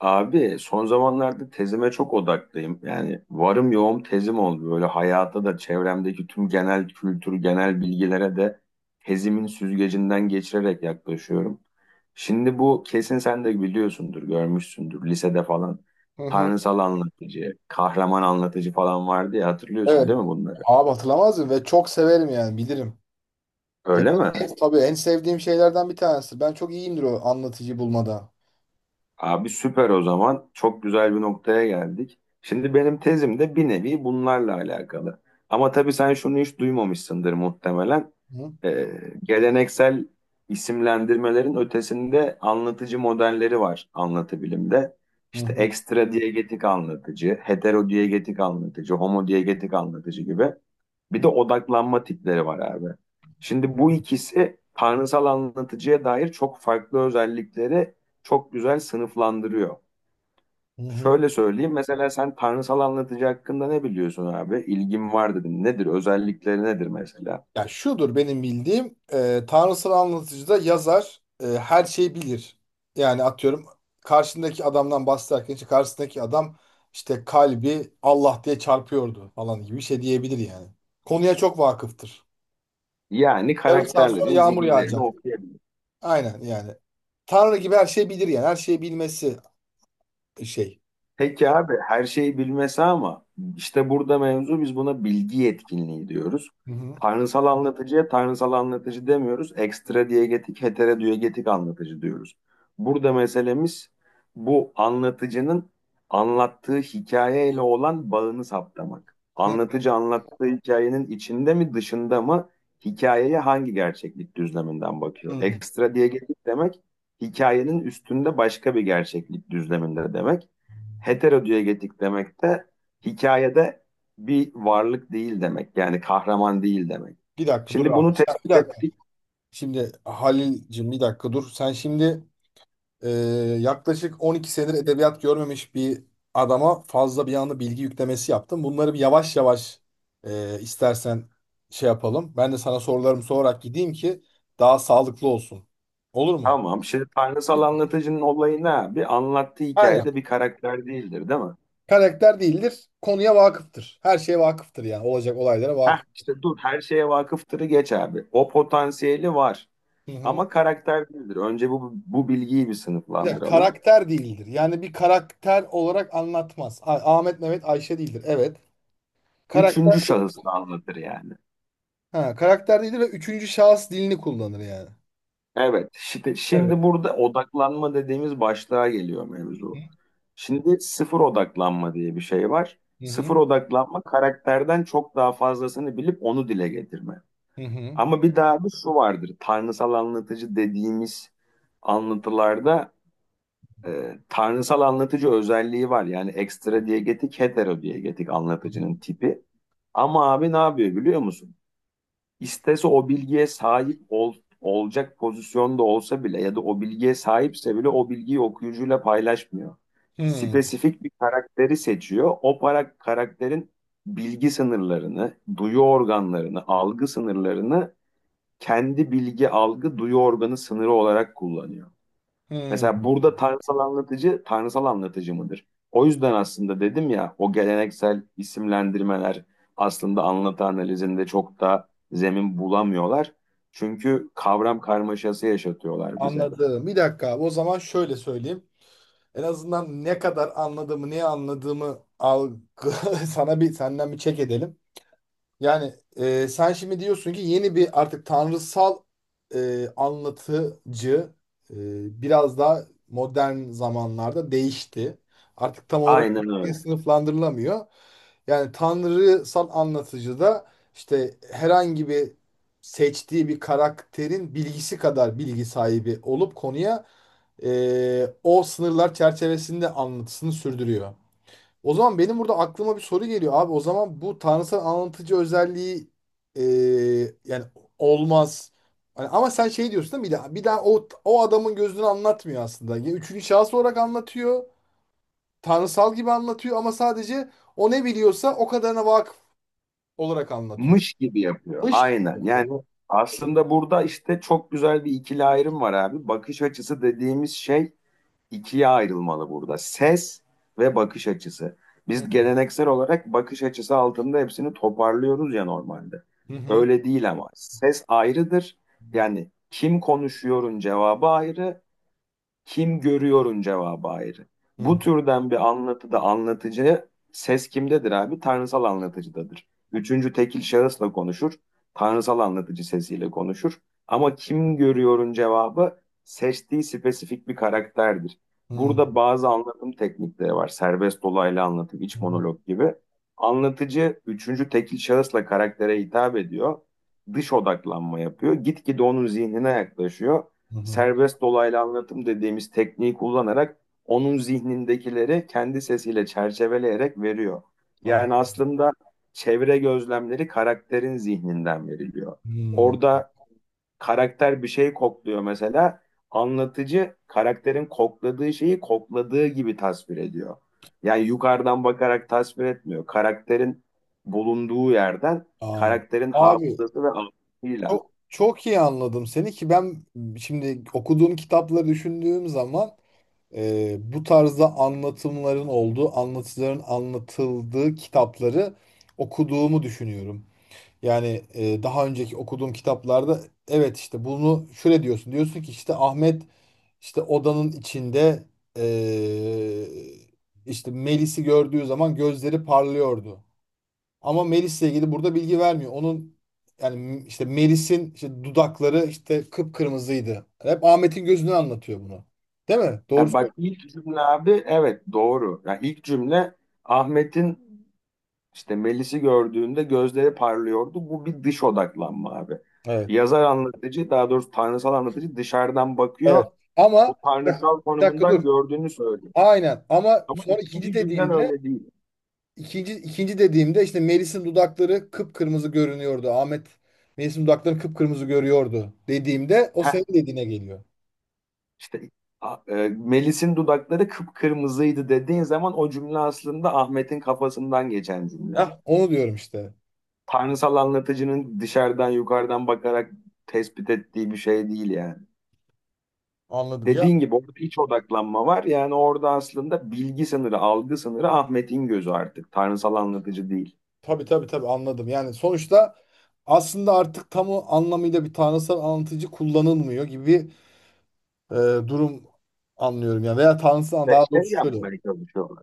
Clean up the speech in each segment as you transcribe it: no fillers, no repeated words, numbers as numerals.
Abi son zamanlarda tezime çok odaklıyım. Yani varım yoğum tezim oldu. Böyle hayata da çevremdeki tüm genel kültür, genel bilgilere de tezimin süzgecinden geçirerek yaklaşıyorum. Şimdi bu kesin sen de biliyorsundur, görmüşsündür lisede falan. Hı hı. Tanrısal anlatıcı, kahraman anlatıcı falan vardı ya hatırlıyorsun Evet. değil mi bunları? Abi hatırlamaz mı? Ve çok severim yani bilirim. Ya, Öyle mi? en, tabii en sevdiğim şeylerden bir tanesi. Ben çok iyiyimdir o anlatıcı bulmada. Abi süper o zaman. Çok güzel bir noktaya geldik. Şimdi benim tezim de bir nevi bunlarla alakalı. Ama tabii sen şunu hiç duymamışsındır muhtemelen. Hı Ee, geleneksel isimlendirmelerin ötesinde anlatıcı modelleri var anlatı bilimde. İşte hı. ekstra diyegetik anlatıcı, hetero diyegetik anlatıcı, homo diyegetik anlatıcı gibi. Bir de odaklanma tipleri var abi. Şimdi bu ikisi tanrısal anlatıcıya dair çok farklı özellikleri çok güzel sınıflandırıyor. Hı hı. Şöyle söyleyeyim mesela sen tanrısal anlatıcı hakkında ne biliyorsun abi? İlgin var dedin. Nedir? Özellikleri nedir mesela? Ya şudur benim bildiğim tanrısal anlatıcıda yazar her şeyi bilir. Yani atıyorum karşındaki adamdan bahsederken işte karşısındaki adam işte kalbi Allah diye çarpıyordu falan gibi bir şey diyebilir yani. Konuya çok vakıftır. Yani Yarım saat sonra karakterlerin yağmur zihinlerini yağacak. okuyabilir. Aynen yani. Tanrı gibi her şeyi bilir yani. Her şeyi bilmesi şey. Peki abi her şeyi bilmesi ama işte burada mevzu biz buna bilgi yetkinliği diyoruz. Hı hı. Tanrısal anlatıcıya tanrısal anlatıcı demiyoruz. Ekstra diyegetik, heterodiyegetik anlatıcı diyoruz. Burada meselemiz bu anlatıcının anlattığı hikayeyle olan bağını saptamak. Hı Anlatıcı anlattığı hikayenin içinde mi dışında mı hikayeye hangi gerçeklik düzleminden bakıyor? hı. Ekstra diyegetik demek hikayenin üstünde başka bir gerçeklik düzleminde demek. Heterodiyegetik demek de hikayede bir varlık değil demek. Yani kahraman değil demek. Bir dakika dur Şimdi abi. bunu Bir tespit dakika. ettik. Şimdi Halil'cim bir dakika dur. Sen şimdi Ee, yaklaşık 12 senedir edebiyat görmemiş bir adama fazla bir anda bilgi yüklemesi yaptım. Bunları bir yavaş yavaş istersen şey yapalım. Ben de sana sorularımı sorarak gideyim ki daha sağlıklı olsun. Olur mu? Tamam. Şimdi tanrısal anlatıcının olayı ne abi? Anlattığı Aynen. hikayede bir karakter değildir, değil mi? Karakter değildir, konuya vakıftır. Her şeye vakıftır yani. Olacak olaylara Heh, vakıf. işte dur her şeye vakıftırı geç abi. O potansiyeli var. Hı hı. Ama karakter değildir. Önce bu bilgiyi bir Bir de sınıflandıralım. karakter değildir. Yani bir karakter olarak anlatmaz. Ahmet, Mehmet, Ayşe değildir. Evet. Karakter Üçüncü değil. şahıs da anlatır yani. Ha, karakter değildir ve üçüncü şahıs dilini kullanır yani. Evet. Şimdi, Evet. şimdi burada odaklanma dediğimiz başlığa geliyor Hı mevzu. Şimdi sıfır odaklanma diye bir şey var. Sıfır hı odaklanma karakterden çok daha fazlasını bilip onu dile getirme. hı hı Ama bir daha bir şu vardır. Tanrısal anlatıcı dediğimiz anlatılarda tanrısal anlatıcı özelliği var. Yani ekstra diyegetik, hetero diyegetik anlatıcının tipi. Ama abi ne yapıyor biliyor musun? İstese o bilgiye sahip ol, olacak pozisyonda olsa bile ya da o bilgiye sahipse bile o bilgiyi okuyucuyla paylaşmıyor. hı hı. Spesifik bir karakteri seçiyor. O para, karakterin bilgi sınırlarını, duyu organlarını, algı sınırlarını kendi bilgi, algı, duyu organı sınırı olarak kullanıyor. Hı. Mesela burada tanrısal anlatıcı tanrısal anlatıcı mıdır? O yüzden aslında dedim ya o geleneksel isimlendirmeler aslında anlatı analizinde çok da zemin bulamıyorlar. Çünkü kavram karmaşası yaşatıyorlar bize. Anladım. Bir dakika abi. O zaman şöyle söyleyeyim. En azından ne kadar anladığımı, neyi anladığımı algı sana bir senden bir çek edelim. Yani sen şimdi diyorsun ki yeni bir artık tanrısal anlatıcı biraz daha modern zamanlarda değişti. Artık tam olarak Aynen bir öyle. sınıflandırılamıyor. Yani tanrısal anlatıcı da işte herhangi bir seçtiği bir karakterin bilgisi kadar bilgi sahibi olup konuya o sınırlar çerçevesinde anlatısını sürdürüyor. O zaman benim burada aklıma bir soru geliyor abi. O zaman bu tanrısal anlatıcı özelliği e, yani olmaz. Hani ama sen şey diyorsun değil mi? Bir daha o adamın gözünü anlatmıyor aslında. Ya üçüncü şahıs olarak anlatıyor. Tanrısal gibi anlatıyor ama sadece o ne biliyorsa o kadarına vakıf olarak anlatıyor. Mış gibi yapıyor. Mış. Aynen. Yani aslında burada işte çok güzel bir ikili ayrım var abi. Bakış açısı dediğimiz şey ikiye ayrılmalı burada. Ses ve bakış açısı. Hı Biz geleneksel olarak bakış açısı altında hepsini toparlıyoruz ya normalde. hı Öyle değil ama ses ayrıdır. Yani kim konuşuyorun cevabı ayrı, kim görüyorun cevabı ayrı. Bu hı türden bir anlatıda anlatıcı ses kimdedir abi? Tanrısal anlatıcıdadır. Üçüncü tekil şahısla konuşur. Tanrısal anlatıcı sesiyle konuşur. Ama kim görüyorun cevabı seçtiği spesifik bir karakterdir. hı Burada bazı anlatım teknikleri var. Serbest dolaylı anlatım, iç hı monolog gibi. Anlatıcı üçüncü tekil şahısla karaktere hitap ediyor. Dış odaklanma yapıyor. Gitgide onun zihnine yaklaşıyor hı hı. serbest dolaylı anlatım dediğimiz tekniği kullanarak onun zihnindekileri kendi sesiyle çerçeveleyerek veriyor. Aa, Yani aslında çevre gözlemleri karakterin zihninden veriliyor. hı. Orada karakter bir şey kokluyor mesela. Anlatıcı karakterin kokladığı şeyi kokladığı gibi tasvir ediyor. Yani yukarıdan bakarak tasvir etmiyor. Karakterin bulunduğu yerden Aa. karakterin Abi, hafızası ve algısıyla. çok, çok iyi anladım seni ki ben şimdi okuduğum kitapları düşündüğüm zaman bu tarzda anlatımların olduğu, anlatıcıların anlatıldığı kitapları okuduğumu düşünüyorum. Yani daha önceki okuduğum kitaplarda evet işte bunu şöyle diyorsun. Diyorsun ki işte Ahmet işte odanın içinde e, işte Melis'i gördüğü zaman gözleri parlıyordu. Ama Melis'le ilgili burada bilgi vermiyor. Onun yani işte Melis'in işte dudakları işte kıpkırmızıydı. Hep Ahmet'in gözünü anlatıyor bunu. Değil mi? Doğru Ha, bak söylüyorsun. ilk cümle abi evet doğru. Ya ilk cümle Ahmet'in işte Melis'i gördüğünde gözleri parlıyordu. Bu bir dış odaklanma abi. Evet. Yazar anlatıcı daha doğrusu tanrısal anlatıcı dışarıdan Evet. bakıyor. O Ama bak, tanrısal bir dakika dur. konumundan gördüğünü söylüyor. Aynen. Ama Ama sonra ikinci ikinci cümlen dediğimde öyle değil. ikinci dediğimde işte Melis'in dudakları kıpkırmızı görünüyordu. Ahmet Melis'in dudaklarını kıpkırmızı görüyordu dediğimde o Heh, senin dediğine geliyor. işte Melis'in dudakları kıpkırmızıydı dediğin zaman o cümle aslında Ahmet'in kafasından geçen cümle. Hah, onu diyorum işte. Tanrısal anlatıcının dışarıdan yukarıdan bakarak tespit ettiği bir şey değil yani. Anladım. Dediğin gibi orada iç odaklanma var. Yani orada aslında bilgi sınırı, algı sınırı Ahmet'in gözü artık. Tanrısal anlatıcı değil. Tabii tabii tabii anladım. Yani sonuçta aslında artık tam o anlamıyla bir tanrısal anlatıcı kullanılmıyor gibi bir durum anlıyorum. Ya veya tanrısal Ve daha şey doğrusu şöyle. yapmaya çalışıyorlar.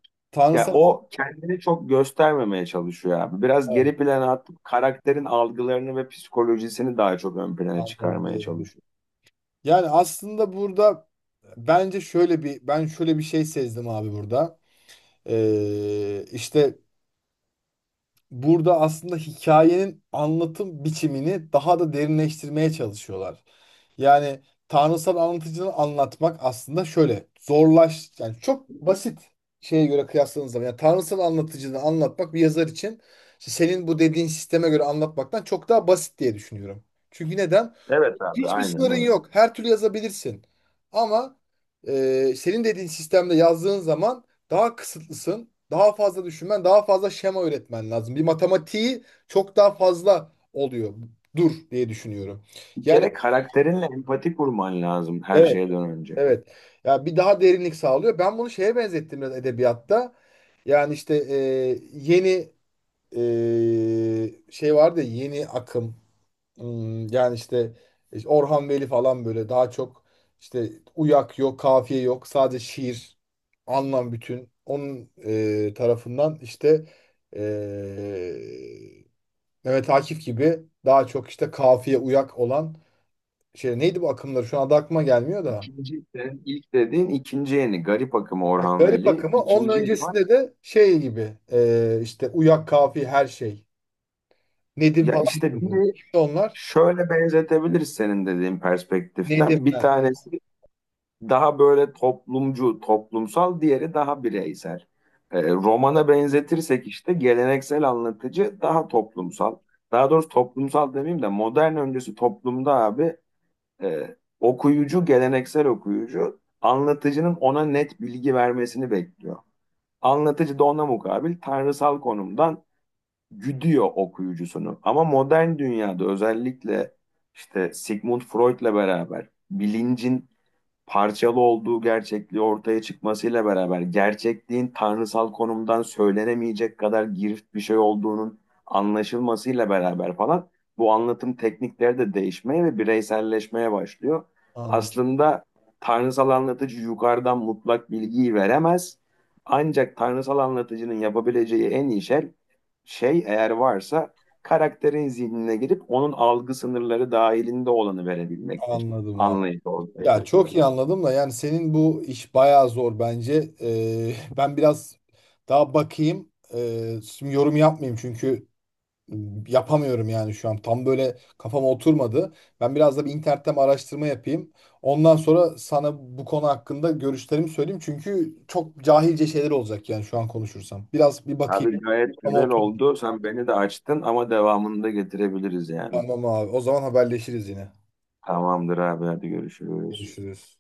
Ya Tanrısal o kendini çok göstermemeye çalışıyor abi. Biraz evet, geri plana atıp karakterin algılarını ve psikolojisini daha çok ön plana çıkarmaya anladım. çalışıyor. Yani aslında burada ben şöyle bir şey sezdim abi burada. İşte burada aslında hikayenin anlatım biçimini daha da derinleştirmeye çalışıyorlar. Yani tanrısal anlatıcını anlatmak aslında şöyle zorlaş yani çok basit şeye göre kıyasladığınız zaman yani tanrısal anlatıcını anlatmak bir yazar için işte senin bu dediğin sisteme göre anlatmaktan çok daha basit diye düşünüyorum. Çünkü neden? Evet abi Hiçbir aynen sınırın öyle. yok. Her türlü yazabilirsin. Ama senin dediğin sistemde yazdığın zaman daha kısıtlısın. Daha fazla düşünmen, daha fazla şema üretmen lazım. Bir matematiği çok daha fazla oluyor. Dur diye düşünüyorum. Bir Yani kere karakterinle empati kurman lazım her evet, şeyden önce. evet. Ya bir daha derinlik sağlıyor. Ben bunu şeye benzettim biraz edebiyatta. Yani işte yeni e, şey vardı ya, yeni akım. Hmm, yani işte işte Orhan Veli falan böyle daha çok işte uyak yok, kafiye yok. Sadece şiir, anlam bütün. Onun tarafından işte e, Mehmet Akif gibi daha çok işte kafiye uyak olan şey neydi bu akımları? Şu anda aklıma gelmiyor da. İkinci sen ilk dediğin ikinci yeni Garip Akım Ya, Orhan Garip Veli akımı onun ikinci yeni var. öncesinde de şey gibi işte uyak kafiye her şey. Nedim Ya falan. işte Vardı. biri Kimdi onlar? şöyle benzetebiliriz senin dediğin perspektiften. Bir Nedimler. tanesi daha böyle toplumcu, toplumsal, diğeri daha bireysel. Romana benzetirsek işte geleneksel anlatıcı daha toplumsal. Daha doğrusu toplumsal demeyeyim de modern öncesi toplumda abi okuyucu, geleneksel okuyucu anlatıcının ona net bilgi vermesini bekliyor. Anlatıcı da ona mukabil tanrısal konumdan güdüyor okuyucusunu. Ama modern dünyada özellikle işte Sigmund Freud'la beraber bilincin parçalı olduğu gerçekliği ortaya çıkmasıyla beraber gerçekliğin tanrısal konumdan söylenemeyecek kadar girift bir şey olduğunun anlaşılmasıyla beraber falan bu anlatım teknikleri de değişmeye ve bireyselleşmeye başlıyor. Anladım, Aslında tanrısal anlatıcı yukarıdan mutlak bilgiyi veremez. Ancak tanrısal anlatıcının yapabileceği en iyi şey, şey eğer varsa karakterin zihnine girip onun algı sınırları dahilinde olanı verebilmektir. anladım abi. Anlayıcı olmaya. Ya çok iyi anladım da yani senin bu iş bayağı zor bence. Ben biraz daha bakayım. Şimdi yorum yapmayayım çünkü yapamıyorum yani şu an. Tam böyle kafama oturmadı. Ben biraz da bir internetten araştırma yapayım. Ondan sonra sana bu konu hakkında görüşlerimi söyleyeyim. Çünkü çok cahilce şeyler olacak yani şu an konuşursam. Biraz bir bakayım. Abi gayet Ama güzel otur. oldu. Sen beni de açtın ama devamını da getirebiliriz yani. Tamam abi. O zaman haberleşiriz yine. Tamamdır abi hadi görüşürüz. Görüşürüz.